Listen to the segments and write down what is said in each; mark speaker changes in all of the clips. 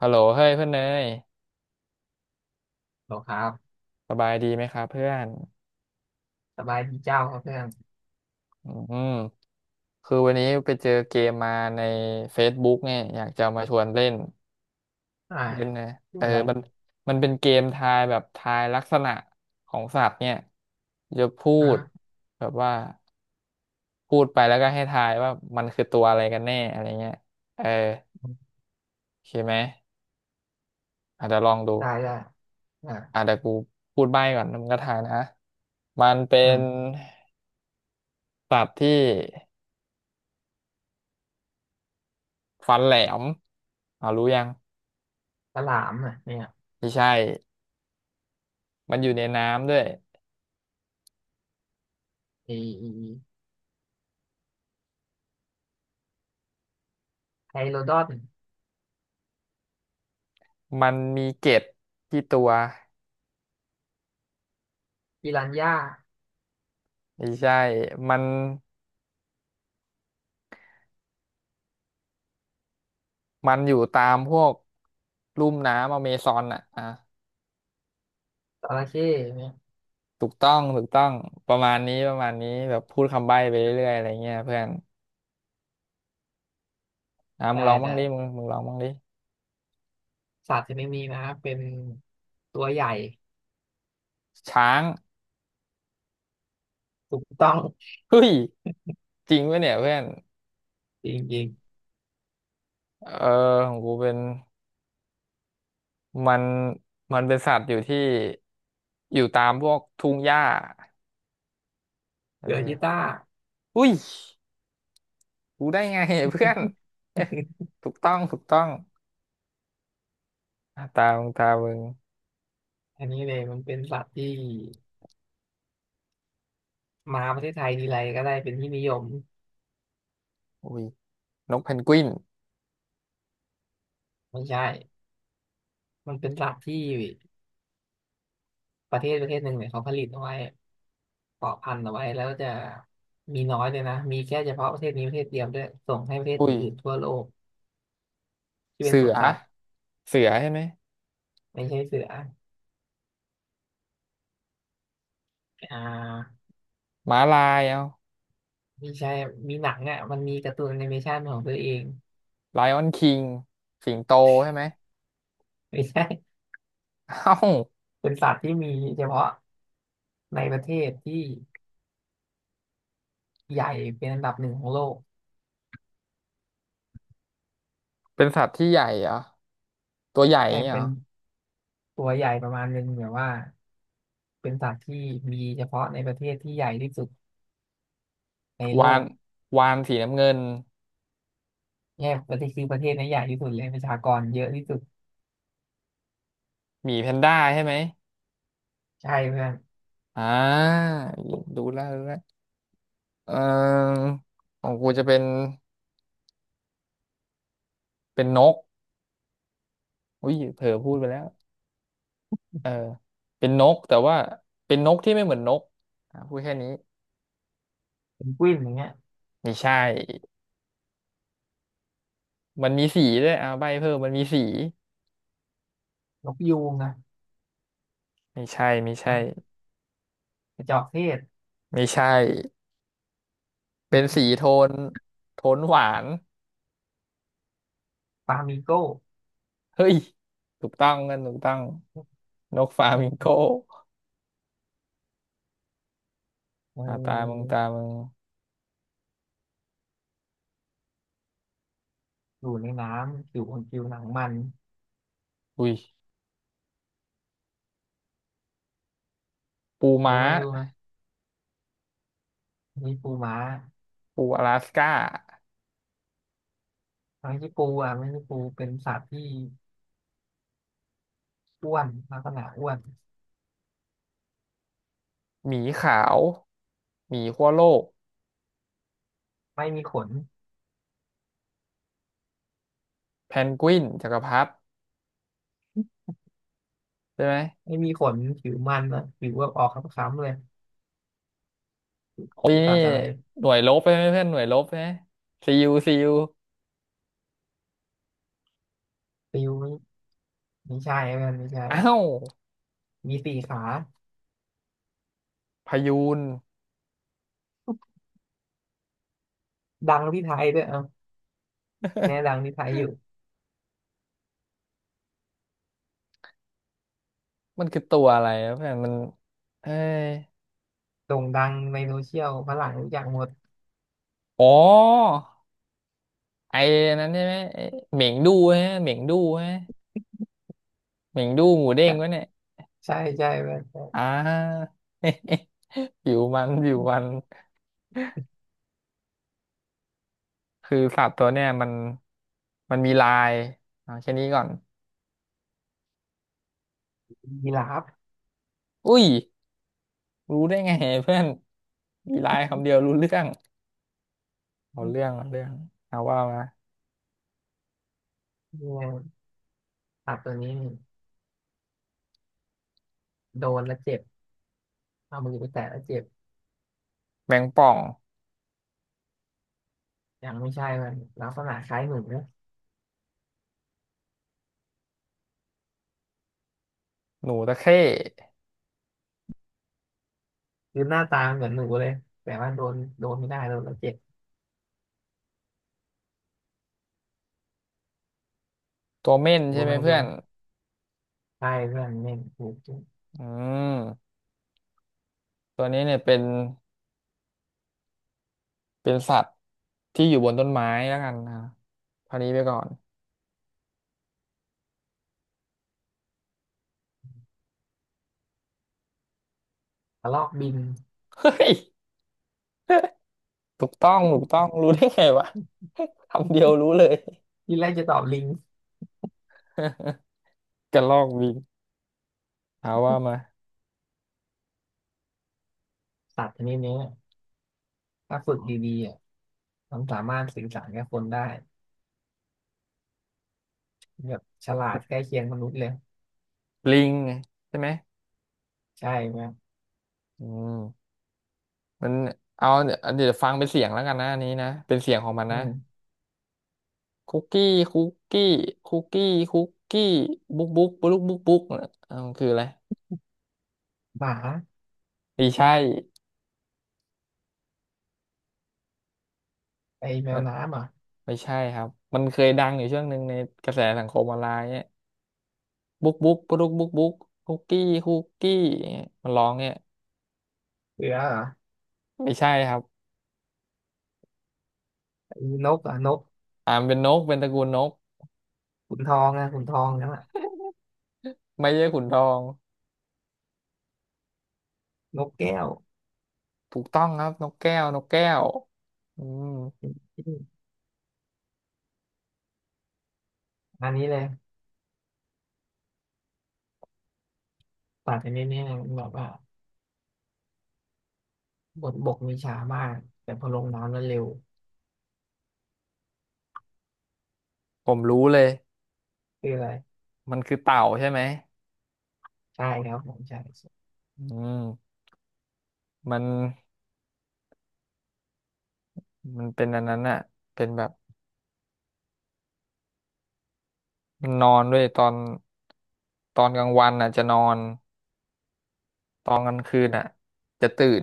Speaker 1: ฮัลโหลเฮ้ยเพื่อนเนย
Speaker 2: หรอครับ
Speaker 1: สบายดีไหมครับเพื่อน
Speaker 2: สบายดีเจ้าครับเพื่อน
Speaker 1: อืมคือวันนี้ไปเจอเกมมาใน Facebook เนี่ยอยากจะมาชวนเล่น
Speaker 2: อ่า
Speaker 1: เล่นนะ
Speaker 2: พู
Speaker 1: เอ
Speaker 2: ดอ
Speaker 1: อ
Speaker 2: อะไร
Speaker 1: มันมันเป็นเกมทายแบบทายลักษณะของสัตว์เนี่ยจะพู
Speaker 2: ฮะ
Speaker 1: ดแบบว่าพูดไปแล้วก็ให้ทายว่ามันคือตัวอะไรกันแน่อะไรเงี้ยเออโอเคไหมอาจจะเดี๋ยวลองดู
Speaker 2: ได้ได้อ่า
Speaker 1: อาจจะเดี๋ยวกูพูดใบ้ก่อนแล้วมึงก็ทายนะมันเป็
Speaker 2: อื
Speaker 1: น
Speaker 2: ม
Speaker 1: สัตว์ที่ ฟันแหลมอ่ารู้ยัง
Speaker 2: ฉลามอ่ะเนี่ย
Speaker 1: ไม่ใช่มันอยู่ในน้ำด้วย
Speaker 2: ไอไอ้ไฮโลดอน
Speaker 1: มันมีเกล็ดที่ตัว
Speaker 2: ปิรันย่า
Speaker 1: ไม่ใช่มันมันอยู่ตามพวกลุ่มน้ำอเมซอนอ่ะอ่ะ
Speaker 2: จระเข้เนี่ย
Speaker 1: ถูกต้องถูกต้องประมาณนี้ประมาณนี้แบบพูดคำใบ้ไปเรื่อยๆอะไรเงี้ยเพื่อนอ่ะมึ
Speaker 2: ได้
Speaker 1: งลองบ้าง
Speaker 2: ได้
Speaker 1: ดิมึงลองบ้างดิ
Speaker 2: สัตว์ชนิดนี้นะเป็นตัวใหญ่
Speaker 1: ช้าง
Speaker 2: ถูกต้อง
Speaker 1: เฮ้ยจริงปะเนี่ยเพื่อน
Speaker 2: จริง
Speaker 1: เออของกูเป็นมันมันเป็นสัตว์อยู่ที่อยู่ตามพวกทุ่งหญ้า
Speaker 2: ๆ
Speaker 1: เอ
Speaker 2: เสือชีต้า
Speaker 1: อ อุ้ยรู้ได้ไงเพื่อน ถูกต้องถูกต้องอ่ะตามึงตามึง
Speaker 2: อันนี้เลยมันเป็นสัตว์ที่มาประเทศไทยทีไรก็ได้เป็นที่นิยม
Speaker 1: อุ้ยนกเพนกวิน
Speaker 2: ไม่ใช่มันเป็นสัตว์ที่ประเทศหนึ่งเนี่ยเขาผลิตเอาไว้ เกาะพันเอาไว้แล้วจะมีน้อยเลยนะ มีแค่เฉพาะประเทศนี้ประเทศเดียวด้วยส่งให้ประเทศ
Speaker 1: อุ้ย
Speaker 2: อื่นๆทั่วโลกที่เป็น
Speaker 1: เสื
Speaker 2: สวน
Speaker 1: อ
Speaker 2: สัตว์
Speaker 1: เสือใช่ไหม
Speaker 2: ไม่ใช่เสืออ่า
Speaker 1: ม้าลายเอา
Speaker 2: ไม่ใช่มีหนังอ่ะมันมีการ์ตูนแอนิเมชันของตัวเอง
Speaker 1: ไลออนคิงสิงโตใช่ไหม
Speaker 2: ไม่ใช่
Speaker 1: เอ้า
Speaker 2: เป็นสัตว์ที่มีเฉพาะในประเทศที่ใหญ่เป็นอันดับหนึ่งของโลก
Speaker 1: เป็นสัตว์ที่ใหญ่เหรอตัวใหญ่อ
Speaker 2: ไม่
Speaker 1: ย่างเงี้ย
Speaker 2: เป็
Speaker 1: เหร
Speaker 2: น
Speaker 1: อ
Speaker 2: ตัวใหญ่ประมาณหนึงแบบว่าเป็นสัตว์ที่มีเฉพาะในประเทศที่ใหญ่ที่สุดในโล
Speaker 1: วาน
Speaker 2: ก
Speaker 1: วานสีน้ำเงิน
Speaker 2: เนี่ยประเทศคือประเทศน้นใหญ่ที่สุดเลยประชากรเยอะที่สุด
Speaker 1: หมีแพนด้าใช่ไหม
Speaker 2: ใช่เพื่อน
Speaker 1: อ่าดูแล้วดูแล้วเออของกูจะเป็นเป็นนกอุ้ยเผลอพูดไปแล้ว เออเป็นนกแต่ว่าเป็นนกที่ไม่เหมือนนกอ่ะพูดแค่นี้
Speaker 2: เป็นกวินอย่างเงี้ย
Speaker 1: ไม่ใช่มันมีสีด้วยอ่าใบเพิ่มมันมีสี
Speaker 2: นกยูงนะ
Speaker 1: ไม่ใช่ไม่ใช่
Speaker 2: นะกระจอกเทศ
Speaker 1: ไม่ใช่เป็นสีโท นโทนหวาน
Speaker 2: ฟลามิโก้
Speaker 1: เฮ้ยถูกต้องกันถูกต้องนกฟลามิงโก
Speaker 2: เ
Speaker 1: อ่าตามึง
Speaker 2: ออ
Speaker 1: ตามึง
Speaker 2: อยู่ในน้ำอยู่บนผิวหนังมัน
Speaker 1: อุ้ยปู
Speaker 2: รู้
Speaker 1: ม้า
Speaker 2: ไหมรู้ไหมนี่ปูม้า
Speaker 1: ปูอลาสก้า
Speaker 2: ไม่ใช่ปูอ่ะไม่ใช่ปูเป็นสัตว์ที่อ้วนลักษณะอ้วน
Speaker 1: หมีขาวหมีขั้วโลก
Speaker 2: ไม่มีขน
Speaker 1: แพนกวินจักรพรรดิใช่ไหม
Speaker 2: ไม่มีขนผิวมันนะผิวแบบออกคล้ำๆเลย
Speaker 1: โอ้ย
Speaker 2: ลูกสั
Speaker 1: นี่
Speaker 2: ตว์อะไร
Speaker 1: หน่วยลบใช่ไหมเพื่อนหน่วยลบใช่ไหมซียูซียู
Speaker 2: ปิวไม่ไม่ใช่เพื่อนไม่ใช่
Speaker 1: อ้าว
Speaker 2: มีสี่ขา
Speaker 1: พายูน
Speaker 2: ดังที่ไทยด้วยเอ่ะแน่ดังที่ไทยอยู่
Speaker 1: มันคือตัวอะไรนะเพื่อนมันเอ้ย
Speaker 2: โด่งดังในโซเชียลฝรั่งรู้จักหมด
Speaker 1: อ๋อไอ้นั้นใช่ไหมไอ้เหม่งดูฮะเหม่งดูฮะเหม่งดูหมูเด้งวะเนี่ย
Speaker 2: ใช่ใช่ใช่เพื่อ
Speaker 1: อ่
Speaker 2: น
Speaker 1: า ผิวมันผิวมันคือสัตว์ตัวเนี่ยมันมีลายเอาแค่นี้ก่อน
Speaker 2: ยีราฟ
Speaker 1: อุ้ยรู้ได้ไงเพื่อนมีลายคำเดียวรู้เรื่องเอา
Speaker 2: เนี่ย
Speaker 1: เรื่องเอาเรื่องเอาว่ามา
Speaker 2: สัตว์ตัวนี้โดนแล้วเจ็บเอามือไปแตะแล้วเจ็บ
Speaker 1: แมงป่อง
Speaker 2: ยังไม่ใช่มันลักษณะคล้ายหนู
Speaker 1: หนูตะเข้
Speaker 2: คือหน้าตาเหมือนหนูเลยแต่ว่าโดนโดนไม่ได้โดนแล้วเจ็บ
Speaker 1: ตัวเม่น
Speaker 2: ดู
Speaker 1: ใช่
Speaker 2: ไห
Speaker 1: ไห
Speaker 2: ม
Speaker 1: ม
Speaker 2: ดู
Speaker 1: เพื่อ
Speaker 2: ไหม
Speaker 1: น
Speaker 2: ใช่เพื่อนไม่ถูกจริง
Speaker 1: อืมตัวนี้เนี่ยเป็นเป็นสัตว์ที่อยู่บนต้นไม้แล้วกันนะคราวนี้ไปก่อน
Speaker 2: กระรอกบิน
Speaker 1: เฮ้ยถูกต้องถูกต้อง รู้ได้ไงวะ คำเดียวรู้เลย
Speaker 2: ที่แรกจะตอบลิง
Speaker 1: กระรอกบินเอาว่ามา
Speaker 2: สัตว์ชนิดนี้ถ้าฝึกดีๆอ่ะมันสามารถสื่อสารกับคนได้แบบฉลาดใกล้เคียงมนุษย์เลย
Speaker 1: ลิงไงใช่ไหม
Speaker 2: ใช่ไหม
Speaker 1: อืมมันเอาเนี่ยวเดี๋ยวฟังเป็นเสียงแล้วกันนะอันนี้นะเป็นเสียงของมัน
Speaker 2: อื
Speaker 1: นะ
Speaker 2: ม
Speaker 1: คุกกี้คุกกี้คุกกี้คุกกี้บุ๊กบุ๊กบุ๊กบุ๊กบุ๊กเออมันคืออะไร
Speaker 2: หมา
Speaker 1: ไม่ใช่
Speaker 2: ไอ้แมวน้ำเหรอ่ะ
Speaker 1: ไม่ใช่ครับมันเคยดังอยู่ช่วงหนึ่งในกระแสสังคมออนไลน์เนี่ยบุ๊กบุ๊กปุ๊กบุ๊กบุ๊กคุกกี้คุกกี้เนี่ยมันร้องเนี่ย
Speaker 2: เสือเหรอ
Speaker 1: ไม่ใช่ครับ
Speaker 2: ไอ้นกเหรอ่ะนก
Speaker 1: อ่ามนเป็นนกเป็นตระกูลนก
Speaker 2: ขุนทองอ่ะขุนทองนั่นแหละ
Speaker 1: ไม่ใช่ขุนทอง
Speaker 2: นกแก้ว
Speaker 1: ถูกต้องครับนกแก้วนกแก้วอืม
Speaker 2: อันนี้เลยตัดอันนี้เนี่ยแบบว่าบนบกมีช้ามากแต่พอลงน้ำแล้วเร็ว
Speaker 1: ผมรู้เลย
Speaker 2: คืออะไร
Speaker 1: มันคือเต่าใช่ไหม
Speaker 2: ใช่ครับผมใช่
Speaker 1: อืมมันมันเป็นอันนั้นอะเป็นแบบมันนอนด้วยตอนตอนกลางวันอ่ะจะนอนตอนกลางคืนอ่ะจะตื่น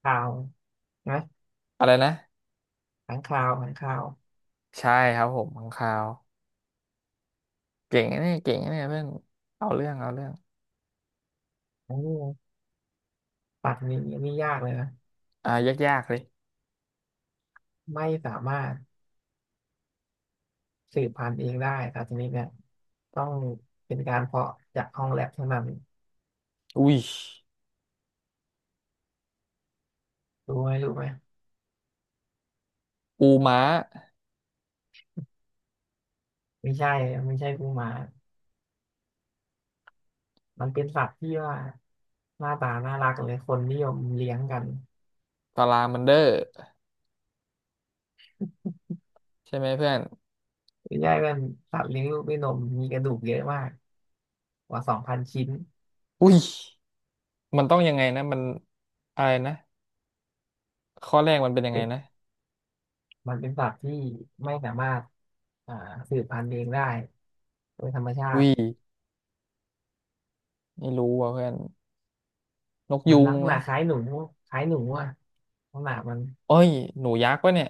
Speaker 2: ข่าวนะ
Speaker 1: อะไรนะ
Speaker 2: ขังข่าวขังข่าว
Speaker 1: ใช่ครับผมข้างคาว เก่งนะเนี่ยเก่งนะเนี่ยเพื่อนเอาเรื่องเอาเรื่อง
Speaker 2: โอ้สัตว์ชนดนี้นี่ยากเลยนะ
Speaker 1: อ่ายากยเลย
Speaker 2: ไม่สามารถสืบพันธุ์เองได้สัตว์ชนิดเนี่ยต้องเป็นการเพาะจากห้องแลบเท่านั้น
Speaker 1: อุ้ย
Speaker 2: รู้ไหมรู้ไหม
Speaker 1: ปูม้า
Speaker 2: ไม่ใช่ไม่ใช่กูหมามันเป็นสัตว์ที่ว่าหน้าตาน่ารักเลยคนนิยมเลี้ยงกัน
Speaker 1: ตารางมันเดอร์ใช่ไหมเพื่อน
Speaker 2: ไม่ใช่มันสัตว์เลี้ยงลูกด้วยนมมีกระดูกเยอะมากกว่า2,000ชิ้น
Speaker 1: อุ้ยมันต้องยังไงนะมันอะไรนะข้อแรกมันเป็นยัง
Speaker 2: เป็
Speaker 1: ไง
Speaker 2: น
Speaker 1: นะ
Speaker 2: มันเป็นสัตว์ที่ไม่สามารถอ่าสืบพันธุ์เองได้โดยธรรมชา
Speaker 1: อุ้
Speaker 2: ติ
Speaker 1: ยไม่รู้ว่ะเพื่อนนก
Speaker 2: มัน
Speaker 1: ยู
Speaker 2: ลั
Speaker 1: ง
Speaker 2: กษณะ
Speaker 1: วะ
Speaker 2: คล้ายหนูคล้ายหนูอ่ะลักษณะมัน
Speaker 1: เอ้ยหนูยักษ์วะเนี่ย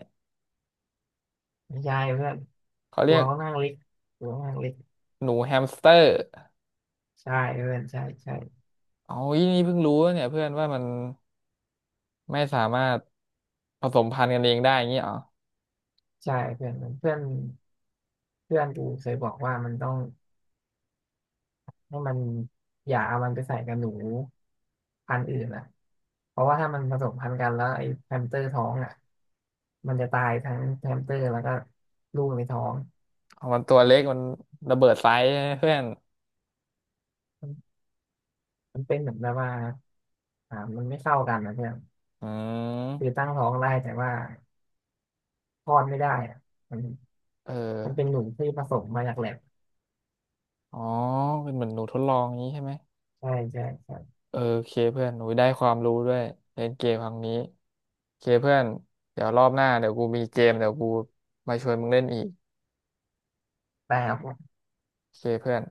Speaker 2: ไม่ใช่เพื่อน
Speaker 1: เขา
Speaker 2: ตั
Speaker 1: เรี
Speaker 2: ว
Speaker 1: ยก
Speaker 2: เขานข้างเล็กตัวเ่านั้งเล็ก
Speaker 1: หนูแฮมสเตอร์
Speaker 2: ใช่เพื่อนใช่ใช่
Speaker 1: เอาอีนี่เพิ่งรู้วะเนี่ยเพื่อนว่ามันไม่สามารถผสมพันธุ์กันเองได้อย่างงี้เหรอ
Speaker 2: ใช่เพื่อนเพื่อนเพื่อนกูเคยบอกว่ามันต้องให้มันอย่าเอามันไปใส่กับหนู พันธุ์อื่นอ่ะเพราะว่าถ้ามันผสมพันธุ์กันแล้วไอ้แฮมสเตอร์ท้องอ่ะมันจะตายทั้งแฮมสเตอร์แล้วก็ลูกในท้อง
Speaker 1: เอามันตัวเล็กมันระเบิดไซส์ใช่ไหมเพื่อน
Speaker 2: มันมันเป็นเหมือนแบบว่ามันไม่เข้ากันนะเพื่อน
Speaker 1: อื
Speaker 2: คือ
Speaker 1: ม
Speaker 2: ตั้งท้องได้แต่ว่าคลอดไม่ได้อะมัน
Speaker 1: เออ
Speaker 2: มันเป็นหนูที่ผสมมาจากแลบ
Speaker 1: อ๋อเป็นเหมือนหนูทดลองนี้ใช่ไหม
Speaker 2: ใช่ใช่ใช่
Speaker 1: เออโอเคเพื่อนหนูได้ความรู้ด้วยเล่นเกมครั้งนี้โอเคเพื่อนเดี๋ยวรอบหน้าเดี๋ยวกูมีเกมเดี๋ยวกูมาชวนมึงเล่นอีก
Speaker 2: แต่
Speaker 1: โอเคเพื่อน